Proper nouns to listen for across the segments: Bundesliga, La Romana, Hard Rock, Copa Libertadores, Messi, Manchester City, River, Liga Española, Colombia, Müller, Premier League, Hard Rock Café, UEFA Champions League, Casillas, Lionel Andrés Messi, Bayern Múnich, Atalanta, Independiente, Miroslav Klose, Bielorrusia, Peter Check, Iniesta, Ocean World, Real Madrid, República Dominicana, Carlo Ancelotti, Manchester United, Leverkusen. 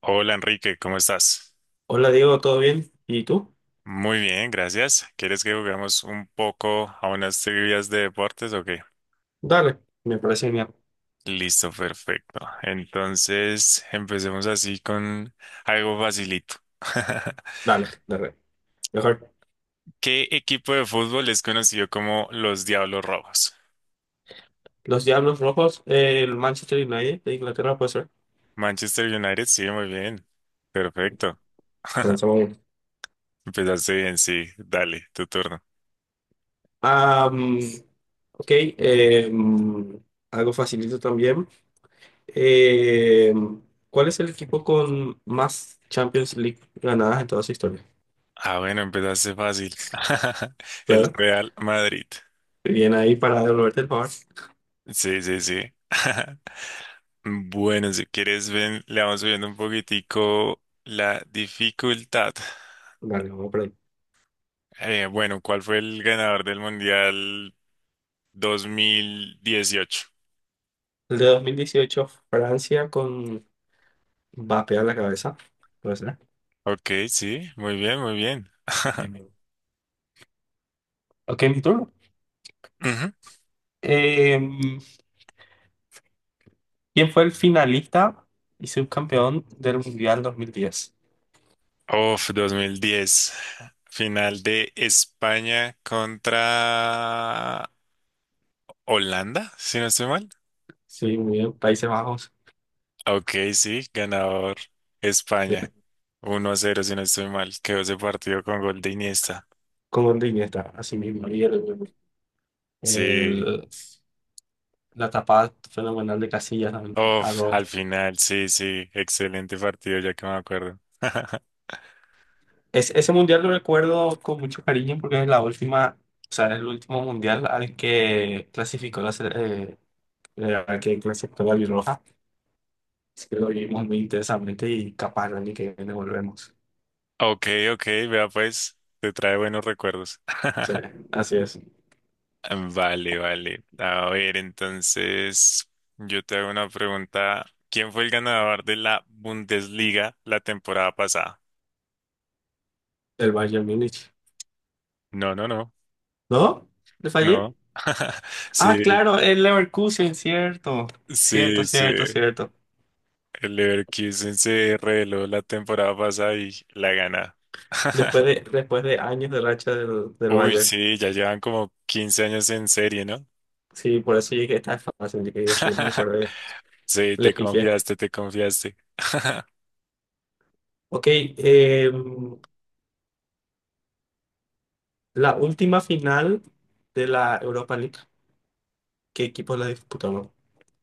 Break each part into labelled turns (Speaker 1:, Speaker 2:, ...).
Speaker 1: Hola Enrique, ¿cómo estás?
Speaker 2: Hola Diego, ¿todo bien? ¿Y tú?
Speaker 1: Muy bien, gracias. ¿Quieres que juguemos un poco a unas trivias de deportes o qué?
Speaker 2: Dale, me parece bien.
Speaker 1: Listo, perfecto. Entonces, empecemos así con algo facilito.
Speaker 2: Dale, dale. Mejor.
Speaker 1: ¿Qué equipo de fútbol es conocido como los Diablos Rojos?
Speaker 2: Los Diablos Rojos, el Manchester United de Inglaterra, puede ser.
Speaker 1: Manchester United, sí, muy bien. Perfecto.
Speaker 2: Comenzamos. Uno.
Speaker 1: Empezaste bien, sí. Dale, tu turno.
Speaker 2: Ah, mm, ok, algo facilito también. Eh, ¿Cuál es el equipo con más Champions League ganadas en toda su historia?
Speaker 1: Ah, bueno, empezaste fácil. El
Speaker 2: Claro,
Speaker 1: Real Madrid.
Speaker 2: bien ahí para devolverte el favor.
Speaker 1: Sí, sí, sí. Bueno, si quieres, ven, le vamos subiendo un poquitico la dificultad.
Speaker 2: Dale, vamos por ahí.
Speaker 1: Bueno, ¿cuál fue el ganador del Mundial 2018?
Speaker 2: El de 2018 Francia con Mbappé a la cabeza, puede ser.
Speaker 1: Ok, sí, muy bien, muy bien.
Speaker 2: Bien, bien. Ok, mi turno.
Speaker 1: Ujú.
Speaker 2: Em, ¿Quién fue el finalista y subcampeón del Mundial 2010?
Speaker 1: Of 2010, final de España contra Holanda, si no estoy mal.
Speaker 2: Sí, muy bien. Países Bajos.
Speaker 1: Ok, sí, ganador España. 1-0, si no estoy mal. Quedó ese partido con gol de Iniesta.
Speaker 2: Como en está, así mismo.
Speaker 1: Sí,
Speaker 2: El- la tapada fenomenal de Casillas también, a
Speaker 1: uf,
Speaker 2: Robben.
Speaker 1: al final, sí, sí, excelente partido, ya que me acuerdo.
Speaker 2: Ese mundial lo recuerdo con mucho cariño porque es la última, o sea, es el último mundial al que clasificó al que clasificó la Bielorrusia. Así que lo vivimos muy intensamente y capaz, ni que viene volvemos.
Speaker 1: Ok, ok, vea pues, te trae buenos recuerdos.
Speaker 2: Sí, así es.
Speaker 1: Vale, vale. A ver, entonces, yo te hago una pregunta. ¿Quién fue el ganador de la Bundesliga la temporada pasada?
Speaker 2: El Bayern Múnich.
Speaker 1: No, no, no,
Speaker 2: ¿No? ¿Le fallé?
Speaker 1: no. Sí,
Speaker 2: Ah, claro, el Leverkusen, cierto. Cierto,
Speaker 1: sí, sí.
Speaker 2: cierto, cierto.
Speaker 1: El Leverkusen se reveló la temporada pasada y la gana.
Speaker 2: Después de, después de años de racha del
Speaker 1: Uy,
Speaker 2: Bayern.
Speaker 1: sí, ya llevan como 15 años en serie, ¿no?
Speaker 2: Sí, por eso llegué tan fácil. Llegué y después me acordé.
Speaker 1: Sí,
Speaker 2: Le
Speaker 1: te
Speaker 2: pifié.
Speaker 1: confiaste, te confiaste.
Speaker 2: Ok, la última final de la Europa League. ¿Qué equipos la disputaron?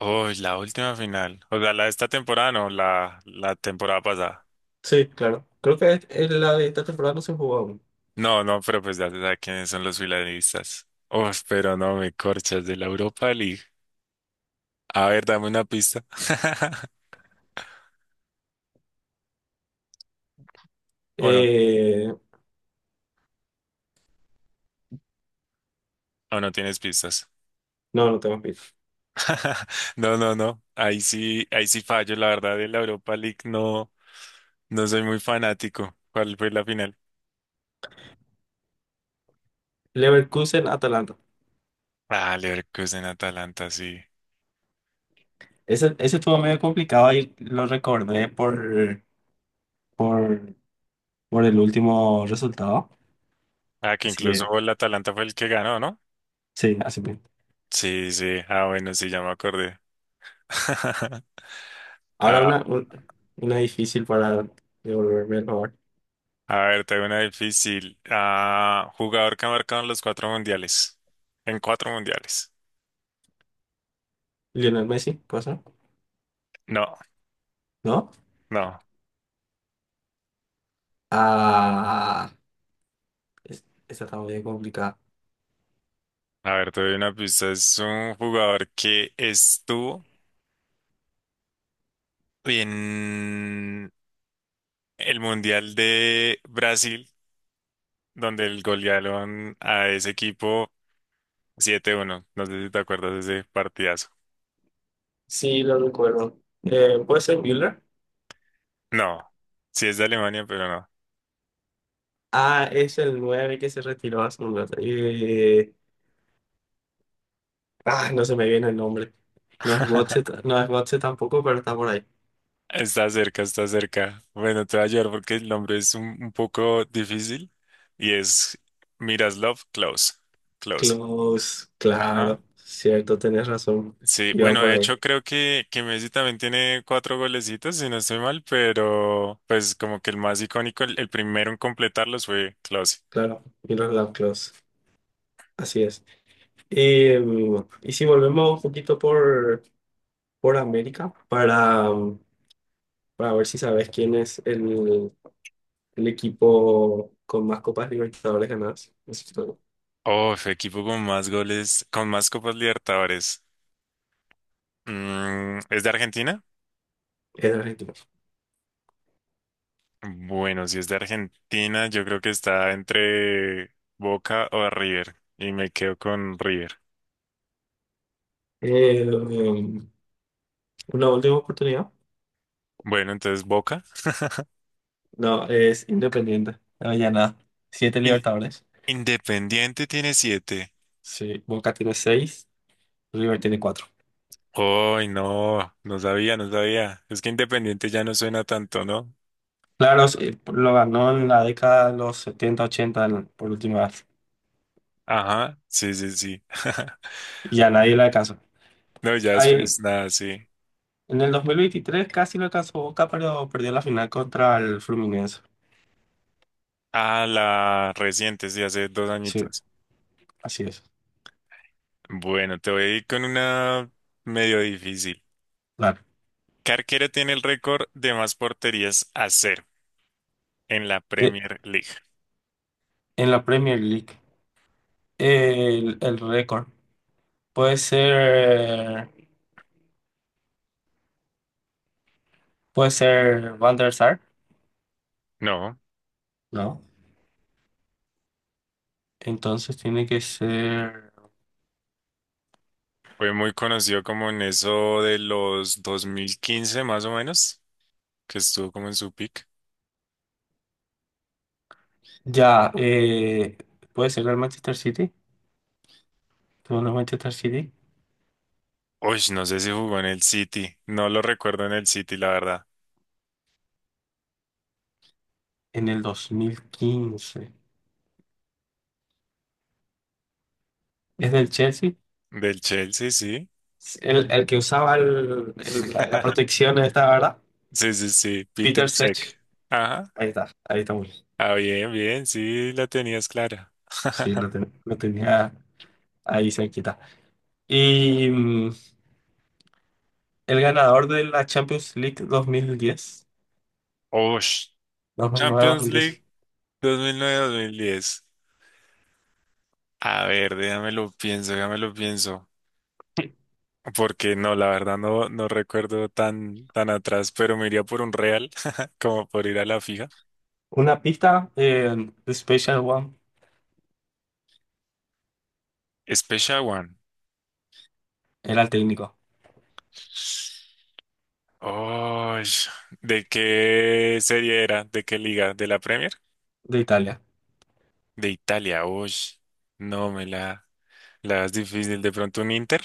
Speaker 1: Uy, la última final. O sea, la de esta temporada, no, la temporada pasada.
Speaker 2: Sí, claro. Creo que es la de esta temporada no se jugó aún.
Speaker 1: No, no, pero pues ya se sabe quiénes son los finalistas. Uf, pero no me corchas de la Europa League. A ver, dame una pista. O no,
Speaker 2: Eh,
Speaker 1: o no tienes pistas.
Speaker 2: no, no tengo pif.
Speaker 1: No, no, no. Ahí sí fallo. La verdad, de la Europa League no, no soy muy fanático. ¿Cuál fue la final?
Speaker 2: Leverkusen, Atalanta.
Speaker 1: Ah, Leverkusen Atalanta, sí.
Speaker 2: Ese estuvo medio complicado y lo recordé por, por el último resultado.
Speaker 1: Ah, que
Speaker 2: Así que,
Speaker 1: incluso el Atalanta fue el que ganó, ¿no?
Speaker 2: sí, así mismo.
Speaker 1: Sí, sí. Ah, bueno, sí, ya me acordé.
Speaker 2: Ahora
Speaker 1: Ah,
Speaker 2: una, una difícil para devolverme el favor.
Speaker 1: a ver, tengo una difícil. Ah, jugador que ha marcado en los cuatro mundiales. En cuatro mundiales.
Speaker 2: Lionel Messi, cosa,
Speaker 1: No,
Speaker 2: ¿no?
Speaker 1: no.
Speaker 2: Ah, esta está muy complicada.
Speaker 1: A ver, te doy una pista. Es un jugador que estuvo en el Mundial de Brasil, donde el golearon a ese equipo 7-1. No sé si te acuerdas de ese partidazo.
Speaker 2: Sí, lo recuerdo. ¿Puede ser Müller?
Speaker 1: No, sí es de Alemania, pero no.
Speaker 2: Ah, es el nueve que se retiró hace un rato. No se me viene el nombre. No es Götze, no es Götze tampoco, pero está por ahí.
Speaker 1: Está cerca, está cerca. Bueno, te voy a ayudar porque el nombre es un poco difícil y es Miroslav Klose. Klose.
Speaker 2: Close,
Speaker 1: Ajá.
Speaker 2: claro, cierto, tenés razón.
Speaker 1: Sí,
Speaker 2: Iba
Speaker 1: bueno,
Speaker 2: por
Speaker 1: de
Speaker 2: ahí.
Speaker 1: hecho creo que Messi también tiene cuatro golecitos, si no estoy mal, pero pues como que el más icónico, el primero en completarlos fue Klose.
Speaker 2: Claro, Miller Lovelock, así es. Y si volvemos un poquito por América para ver si sabes quién es el equipo con más Copas Libertadores ganadas. Es todo.
Speaker 1: Oh, fue equipo con más goles, con más Copas Libertadores. Mm, ¿es de Argentina?
Speaker 2: Es de Argentina.
Speaker 1: Bueno, si es de Argentina, yo creo que está entre Boca o River. Y me quedo con River.
Speaker 2: Eh, mm, una última oportunidad.
Speaker 1: Bueno, entonces Boca.
Speaker 2: No, es Independiente. No, ya nada. Siete
Speaker 1: In-
Speaker 2: Libertadores.
Speaker 1: Independiente tiene siete.
Speaker 2: Sí, Boca tiene seis, River tiene cuatro.
Speaker 1: Ay, no, no sabía, no sabía. Es que Independiente ya no suena tanto, ¿no?
Speaker 2: Claro, sí, lo ganó en la década de los 70 80 por última vez.
Speaker 1: Ajá, sí, sí, sí.
Speaker 2: Y a nadie le alcanzó.
Speaker 1: No, ya después
Speaker 2: Ahí,
Speaker 1: nada, sí.
Speaker 2: en el 2023 casi lo alcanzó Boca, pero perdió la final contra el Fluminense.
Speaker 1: Ah, la reciente, sí, hace dos
Speaker 2: Sí,
Speaker 1: añitos.
Speaker 2: así es.
Speaker 1: Bueno, te voy a ir con una medio difícil.
Speaker 2: Claro.
Speaker 1: ¿Qué arquero tiene el récord de más porterías a cero en la
Speaker 2: De-
Speaker 1: Premier League?
Speaker 2: en la Premier League. El récord. Puede ser. Puede ser Van der Sar.
Speaker 1: No,
Speaker 2: No. Entonces tiene que ser.
Speaker 1: fue muy conocido como en eso de los 2015 más o menos, que estuvo como en su pick.
Speaker 2: Ya, puede ser el Manchester City. Tuvo el Manchester City
Speaker 1: Uy, no sé si jugó en el City, no lo recuerdo en el City, la verdad.
Speaker 2: en el 2015. ¿Es del Chelsea?
Speaker 1: Del Chelsea, sí.
Speaker 2: El que usaba la protección esta, ¿verdad?
Speaker 1: Sí, sí, sí, Peter
Speaker 2: Peter Sech.
Speaker 1: Check. Ajá.
Speaker 2: Ahí está, ahí estamos.
Speaker 1: Ah, bien, bien, sí, la tenías clara.
Speaker 2: Sí, lo tenía ahí cerquita. Y mm, ¿El ganador de la Champions League dos mil diez,
Speaker 1: Uy,
Speaker 2: nueve dos mil nueve-dos
Speaker 1: Champions
Speaker 2: mil diez?
Speaker 1: League. 2009-2010. A ver, déjame lo pienso, déjame lo pienso. Porque no, la verdad no, no recuerdo tan, tan atrás, pero me iría por un real, como por ir a la fija.
Speaker 2: Una pista, The Special One,
Speaker 1: Special One.
Speaker 2: era el técnico
Speaker 1: Oh, ¿de qué serie era? ¿De qué liga? ¿De la Premier?
Speaker 2: de Italia.
Speaker 1: De Italia. Uy, no, me la das difícil. ¿De pronto un Inter?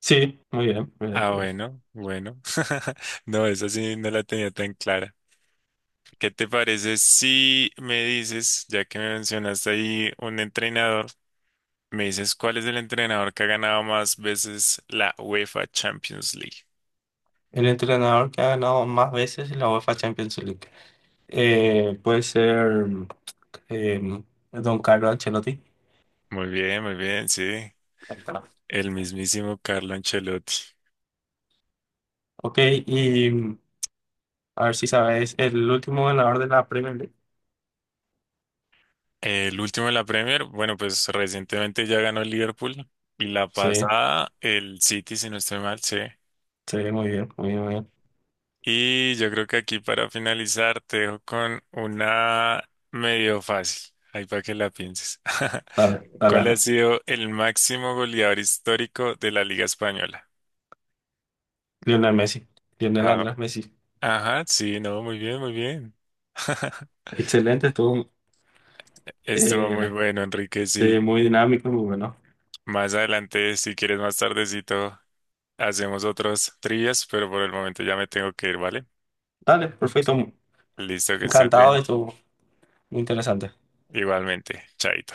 Speaker 2: Sí, muy bien, muy bien,
Speaker 1: Ah,
Speaker 2: muy bien.
Speaker 1: bueno, bueno. No, esa sí no la tenía tan clara. ¿Qué te parece si me dices, ya que me mencionaste ahí un entrenador, me dices cuál es el entrenador que ha ganado más veces la UEFA Champions League?
Speaker 2: El entrenador que ha ganado más veces la UEFA Champions League. Puede ser eh, Don Carlo Ancelotti.
Speaker 1: Muy bien, sí.
Speaker 2: Ahí está.
Speaker 1: El mismísimo Carlo Ancelotti.
Speaker 2: Ok, y mm, a ver si sabes, el último ganador de la Premier League.
Speaker 1: El último de la Premier, bueno, pues recientemente ya ganó el Liverpool y la
Speaker 2: Sí,
Speaker 1: pasada el City, si no estoy mal, sí.
Speaker 2: sí, muy bien, muy bien, muy bien.
Speaker 1: Y yo creo que aquí para finalizar te dejo con una medio fácil, ahí para que la pienses.
Speaker 2: Dale, dale,
Speaker 1: ¿Cuál ha
Speaker 2: dale.
Speaker 1: sido el máximo goleador histórico de la Liga Española?
Speaker 2: Lionel Messi, Lionel
Speaker 1: Ah,
Speaker 2: Andrés Messi.
Speaker 1: ajá, sí, no, muy bien, muy bien.
Speaker 2: Excelente, estuvo
Speaker 1: Estuvo muy
Speaker 2: eh,
Speaker 1: bueno, Enrique,
Speaker 2: sí,
Speaker 1: sí.
Speaker 2: muy dinámico, muy bueno.
Speaker 1: Más adelante, si quieres más tardecito, hacemos otros trivias, pero por el momento ya me tengo que ir, ¿vale?
Speaker 2: Dale, perfecto.
Speaker 1: Listo, que estés
Speaker 2: Encantado de
Speaker 1: bien.
Speaker 2: esto, muy interesante.
Speaker 1: Igualmente, chaito.